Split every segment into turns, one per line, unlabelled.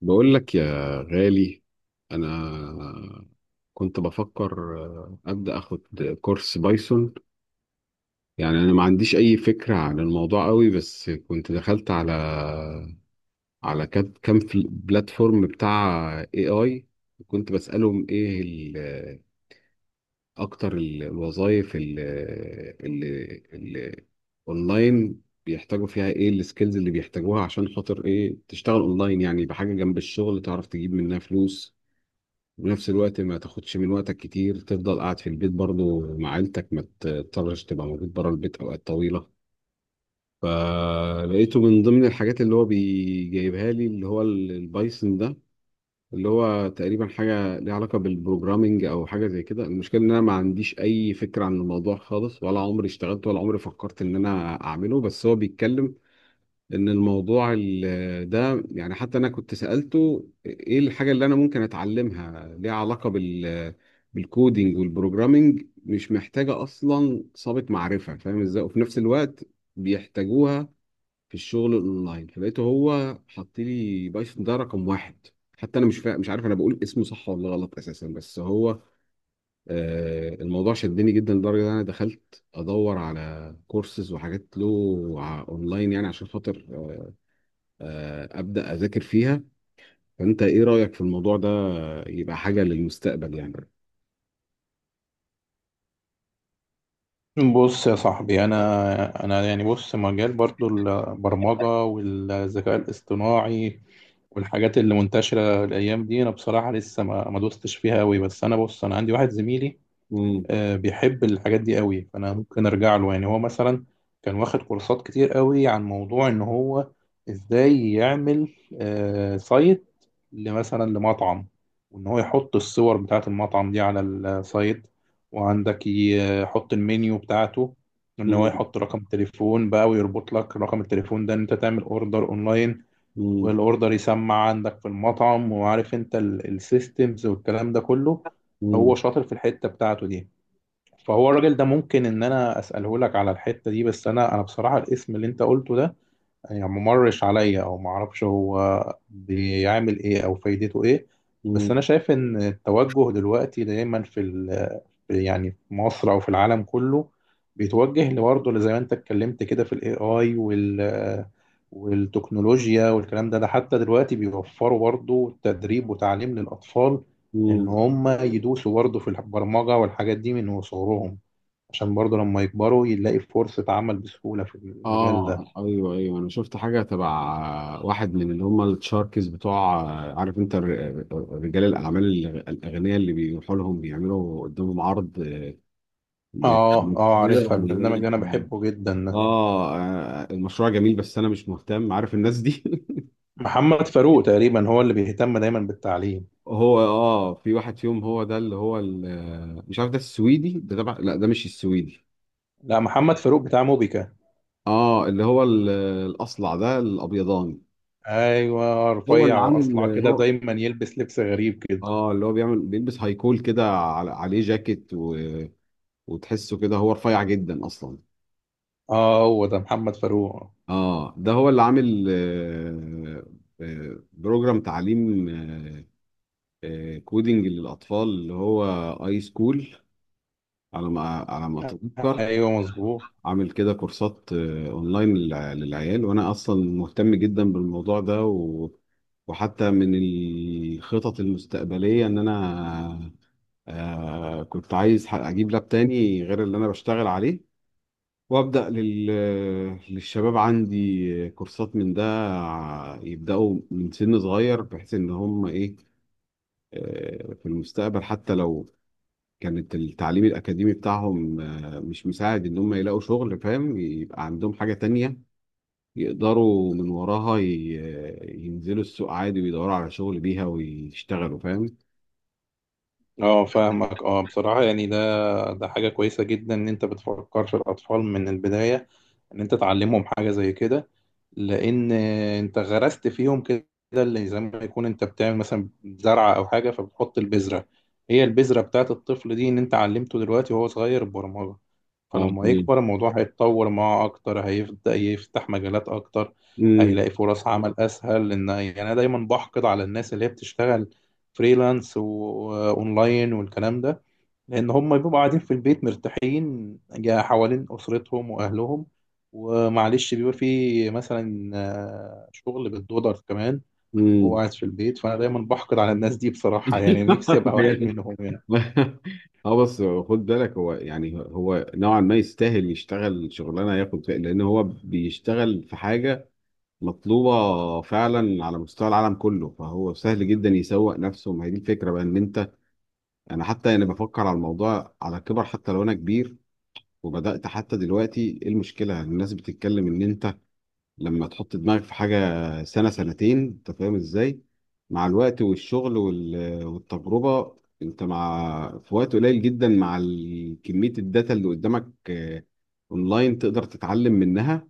بقول لك يا غالي. انا كنت بفكر ابدا اخد كورس بايثون. يعني انا ما عنديش اي فكره عن الموضوع قوي، بس كنت دخلت على بلاتفورم بتاع اي اي. وكنت بسالهم ايه اكتر الوظائف اللي اونلاين بيحتاجوا فيها، ايه السكيلز اللي بيحتاجوها عشان خاطر ايه تشتغل اونلاين؟ يعني بحاجه جنب الشغل تعرف تجيب منها فلوس، وفي نفس الوقت ما تاخدش من وقتك كتير، تفضل قاعد في البيت برضو مع عيلتك، ما تضطرش تبقى موجود بره البيت اوقات طويله. فلقيته من ضمن الحاجات اللي هو بيجيبها لي، اللي هو البايثون ده، اللي هو تقريبا حاجه ليها علاقه بالبروجرامينج او حاجه زي كده. المشكله ان انا ما عنديش اي فكره عن الموضوع خالص، ولا عمري اشتغلت ولا عمري فكرت ان انا اعمله، بس هو بيتكلم ان الموضوع ده، يعني حتى انا كنت سألته ايه الحاجة اللي انا ممكن اتعلمها ليها علاقة بالكودينج والبروجرامينج، مش محتاجة اصلا سابق معرفة، فاهم ازاي؟ وفي نفس الوقت بيحتاجوها في الشغل الاونلاين. فلقيته هو حط لي بايثون ده رقم واحد. حتى انا مش عارف انا بقول اسمه صح ولا غلط اساسا، بس هو الموضوع شدني جدا لدرجة ان انا دخلت ادور على كورسز وحاجات له، اونلاين، يعني عشان خاطر ابدا اذاكر فيها. فانت ايه رايك في الموضوع ده؟ يبقى حاجه للمستقبل يعني؟
بص يا صاحبي، انا يعني بص، مجال برضو البرمجه والذكاء الاصطناعي والحاجات اللي منتشره الايام دي، انا بصراحه لسه ما دوستش فيها قوي. بس انا بص، انا عندي واحد زميلي،
مم.
بيحب الحاجات دي قوي، فانا ممكن ارجع له. يعني هو مثلا كان واخد كورسات كتير قوي عن موضوع ان هو ازاي يعمل سايت لمثلا لمطعم، وان هو يحط الصور بتاعه المطعم دي على السايت، وعندك يحط المنيو بتاعته، ان هو
مم.
يحط رقم تليفون بقى ويربط لك رقم التليفون ده ان انت تعمل اوردر اونلاين،
مم.
والاوردر يسمع عندك في المطعم، وعارف انت السيستمز والكلام ده كله. هو
مم.
شاطر في الحتة بتاعته دي، فهو الراجل ده ممكن ان انا اساله لك على الحته دي. بس انا بصراحه الاسم اللي انت قلته ده يعني ممرش عليا، او ما اعرفش هو بيعمل ايه او فايدته ايه. بس انا
مم.
شايف ان التوجه دلوقتي دايما في يعني في مصر او في العالم كله، بيتوجه لبرضه زي ما انت اتكلمت كده في الاي اي والتكنولوجيا والكلام ده. ده حتى دلوقتي بيوفروا برضه تدريب وتعليم للاطفال ان
مم.
هم يدوسوا برضه في البرمجه والحاجات دي من وصغرهم، عشان برضه لما يكبروا يلاقي فرصة عمل بسهولة في المجال ده.
اه، ايوه، ايوه، انا شفت حاجه تبع واحد من اللي هم التشاركس بتوع. عارف انت رجال الاعمال الاغنياء اللي بيروحوا لهم بيعملوا قدامهم عرض
اه اه،
ل-
عارفها
ويقول
البرنامج
لك
اللي انا بحبه جدا ده.
اه، المشروع جميل بس انا مش مهتم، عارف الناس دي.
محمد فاروق تقريبا هو اللي بيهتم دايما بالتعليم.
هو اه في واحد فيهم هو ده اللي هو مش عارف ده السويدي ده تبع، لا ده مش السويدي.
لا، محمد فاروق بتاع موبيكا.
اه اللي هو الاصلع ده الابيضاني.
ايوه،
هو
رفيع
اللي عامل،
واصلع كده،
هو
دايما يلبس لبس غريب كده.
اه اللي هو بيعمل بيلبس هايكول كده عليه جاكيت وتحسه كده، هو رفيع جدا اصلا.
اه هو ده محمد فاروق.
اه ده هو اللي عامل بروجرام تعليم كودينج للاطفال اللي هو اي سكول، على ما على ما اتذكر.
ايوه مظبوط.
عامل كده كورسات اونلاين للعيال، وانا اصلا مهتم جدا بالموضوع ده وحتى من الخطط المستقبلية ان انا كنت عايز اجيب لاب تاني غير اللي انا بشتغل عليه، وابدا للشباب عندي كورسات من ده، يبداوا من سن صغير بحيث ان هم ايه في المستقبل، حتى لو كانت التعليم الأكاديمي بتاعهم مش مساعد إن هم يلاقوا شغل، فاهم؟ يبقى عندهم حاجة تانية يقدروا من وراها ينزلوا السوق عادي ويدوروا على شغل بيها ويشتغلوا، فاهم؟
اه فاهمك، اه بصراحة يعني ده حاجة كويسة جدا ان انت بتفكر في الاطفال من البداية، ان انت تعلمهم حاجه زي كده. لان انت غرست فيهم كده اللي زي ما يكون انت بتعمل مثلا زرعه او حاجه، فبتحط البذره. هي البذره بتاعت الطفل دي ان انت علمته دلوقتي وهو صغير البرمجه،
اه
فلما
تمام.
يكبر الموضوع هيتطور معاه اكتر، هيبدا يفتح مجالات اكتر،
امم.
هيلاقي فرص عمل اسهل. لان يعني انا دايما بحقد على الناس اللي هي بتشتغل فريلانس واونلاين والكلام ده، لان هم بيبقوا قاعدين في البيت مرتاحين، حوالين اسرتهم واهلهم، ومعلش بيبقى في مثلا شغل بالدولار كمان، وهو
امم.
قاعد في البيت. فانا دايما بحقد على الناس دي بصراحه، يعني نفسي ابقى واحد منهم يعني.
اه بس خد بالك، هو يعني هو نوعا ما يستاهل يشتغل شغلانه ياخد فيها، لان هو بيشتغل في حاجه مطلوبه فعلا على مستوى العالم كله. فهو سهل جدا يسوق نفسه، ما هي دي الفكره بقى ان انت، انا حتى انا بفكر على الموضوع على كبر حتى لو انا كبير. وبدات حتى دلوقتي، ايه المشكله؟ الناس بتتكلم ان انت لما تحط دماغك في حاجة سنة سنتين، انت فاهم ازاي؟ مع الوقت والشغل والتجربة، انت مع في وقت قليل جدا مع كمية الداتا اللي قدامك آه، اونلاين تقدر تتعلم منها،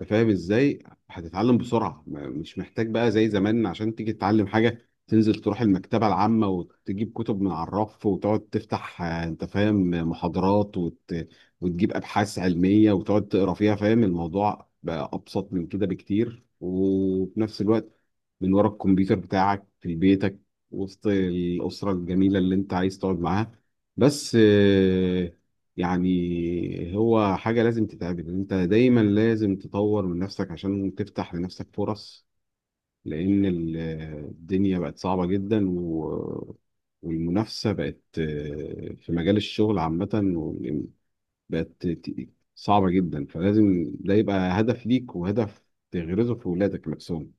انت فاهم ازاي؟ هتتعلم بسرعه، مش محتاج بقى زي زمان عشان تيجي تتعلم حاجه تنزل تروح المكتبه العامه وتجيب كتب من على الرف وتقعد تفتح انت فاهم محاضرات وتجيب ابحاث علميه وتقعد تقرا فيها، فاهم؟ الموضوع بقى ابسط من كده بكتير، وفي نفس الوقت من ورا الكمبيوتر بتاعك في بيتك، وسط الاسره الجميله اللي انت عايز تقعد معاها. بس يعني هو حاجة لازم تتعمل، انت دايما لازم تطور من نفسك عشان تفتح لنفسك فرص. لان الدنيا بقت صعبة جدا والمنافسة بقت في مجال الشغل عامة بقت صعبة جدا. فلازم ده يبقى هدف ليك، وهدف تغرزه في ولادك نفسهم.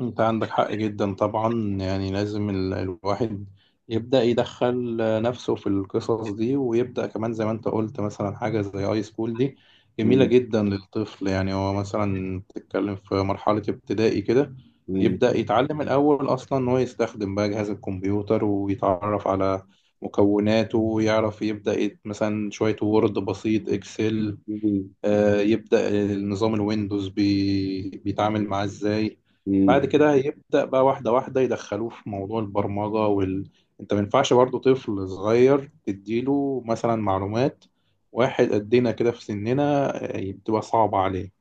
انت عندك حق جدا طبعا، يعني لازم الواحد يبدأ يدخل نفسه في القصص دي، ويبدأ كمان زي ما انت قلت مثلا حاجة زي اي سكول دي، جميلة
مم.
جدا للطفل. يعني هو مثلا بتتكلم في مرحلة ابتدائي كده،
مم.
يبدأ يتعلم الأول أصلا إن هو يستخدم بقى جهاز الكمبيوتر ويتعرف على مكوناته، ويعرف يبدأ مثلا شوية وورد بسيط، إكسل،
مم.
يبدأ النظام الويندوز بيتعامل معاه ازاي.
مم.
بعد كده هيبدأ بقى واحدة واحدة يدخلوه في موضوع البرمجة انت ما ينفعش برضه طفل صغير تديله مثلا معلومات واحد قدنا كده في سننا، بتبقى صعبة عليه.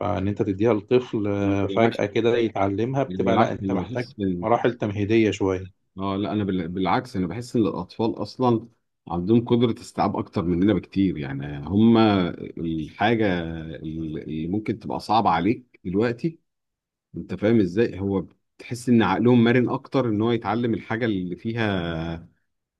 فإن أنت تديها لطفل
بالعكس،
فجأة كده يتعلمها
أنا
بتبقى لأ،
بالعكس،
أنت
أنا
محتاج
بحس،
مراحل تمهيدية شوية.
اه لا انا بالعكس انا بحس ان الاطفال اصلا عندهم قدره استيعاب اكتر مننا بكتير، يعني هم الحاجه اللي ممكن تبقى صعبه عليك دلوقتي، انت فاهم ازاي، هو تحس ان عقلهم مرن اكتر ان هو يتعلم الحاجه اللي فيها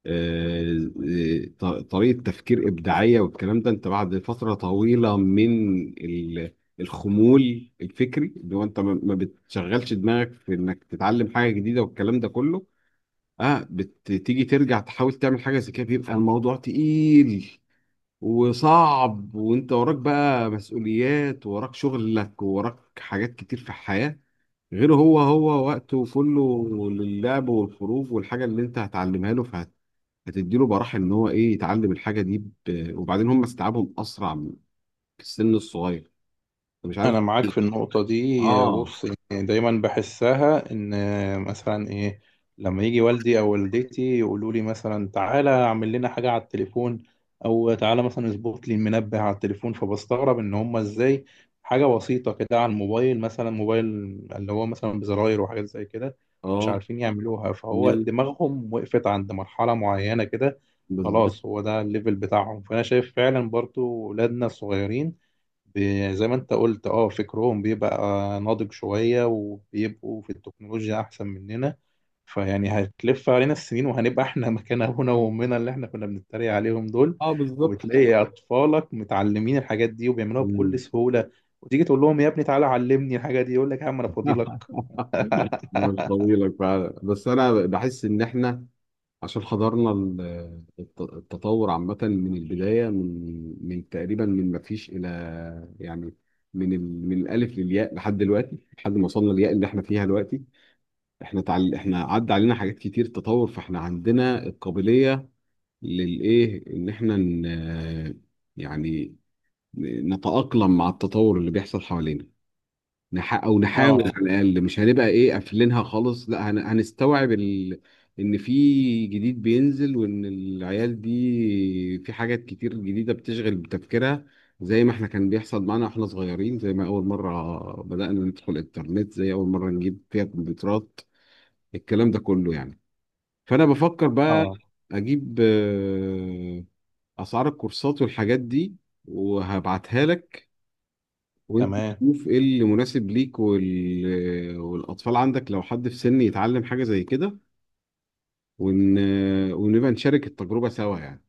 آه، آه، ط- طريقه تفكير ابداعيه والكلام ده، انت بعد فتره طويله من الخمول الفكري اللي هو انت ما ما بتشغلش دماغك في انك تتعلم حاجه جديده والكلام ده كله، اه بتيجي ترجع تحاول تعمل حاجه زي كده بيبقى الموضوع تقيل وصعب، وانت وراك بقى مسؤوليات، وراك شغلك، وراك حاجات كتير في الحياه. غير هو، هو وقته كله للعب والخروج والحاجه اللي انت هتعلمها له، فهتديله براح ان هو ايه يتعلم الحاجه دي. وبعدين هم استيعابهم اسرع في السن الصغير. أنا مش
انا
عارف.
معاك في النقطه دي،
اه.
بص، يعني دايما بحسها ان مثلا ايه، لما يجي والدي او والدتي يقولوا لي مثلا تعالى اعمل لنا حاجه على التليفون، او تعالى مثلا اظبط لي المنبه على التليفون، فبستغرب ان هم ازاي حاجه بسيطه كده على الموبايل، مثلا موبايل اللي هو مثلا بزراير وحاجات زي كده مش
اه.
عارفين يعملوها. فهو
مم،
دماغهم وقفت عند مرحله معينه كده،
بالظبط.
خلاص هو ده الليفل بتاعهم. فانا شايف فعلا برضو ولادنا الصغيرين، زي ما انت قلت اه، فكرهم بيبقى ناضج شوية، وبيبقوا في التكنولوجيا احسن مننا. فيعني هتلف علينا السنين وهنبقى احنا مكان ابونا وامنا اللي احنا كنا بنتريق عليهم دول،
اه، بالظبط.
وتلاقي اطفالك متعلمين الحاجات دي وبيعملوها بكل سهولة، وتيجي تقول لهم يا ابني تعالى علمني الحاجة دي، يقول لك يا عم انا فاضيلك.
مش طويلة فعلا، بس انا بحس ان احنا عشان حضرنا التطور عامة من البداية، من من تقريبا من ما فيش الى، يعني من الالف للياء لحد دلوقتي، لحد ما وصلنا للياء اللي احنا فيها دلوقتي. احنا عدى علينا حاجات كتير تطور، فاحنا عندنا القابلية للايه ان احنا يعني نتأقلم مع التطور اللي بيحصل حوالينا، او نحاول
اه
على الاقل. مش هنبقى ايه قافلينها خالص، لا هنستوعب ان في جديد بينزل، وان العيال دي في حاجات كتير جديده بتشغل بتفكيرها، زي ما احنا كان بيحصل معانا واحنا صغيرين، زي ما اول مره بدانا ندخل الانترنت، زي اول مره نجيب فيها كمبيوترات، الكلام ده كله يعني. فانا بفكر بقى
اه
اجيب اسعار الكورسات والحاجات دي وهبعتها لك، وانت
تمام.
تشوف ايه اللي مناسب ليك، والاطفال عندك لو حد في سن يتعلم حاجه زي كده، ون... ونبقى نشارك التجربه سوا يعني.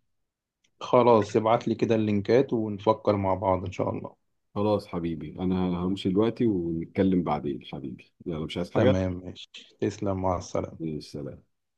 خلاص ابعت لي كده اللينكات ونفكر مع بعض ان شاء الله.
خلاص حبيبي، انا همشي دلوقتي ونتكلم بعدين حبيبي، يلا مش عايز حاجه.
تمام ماشي، تسلم، مع السلامة.
سلام.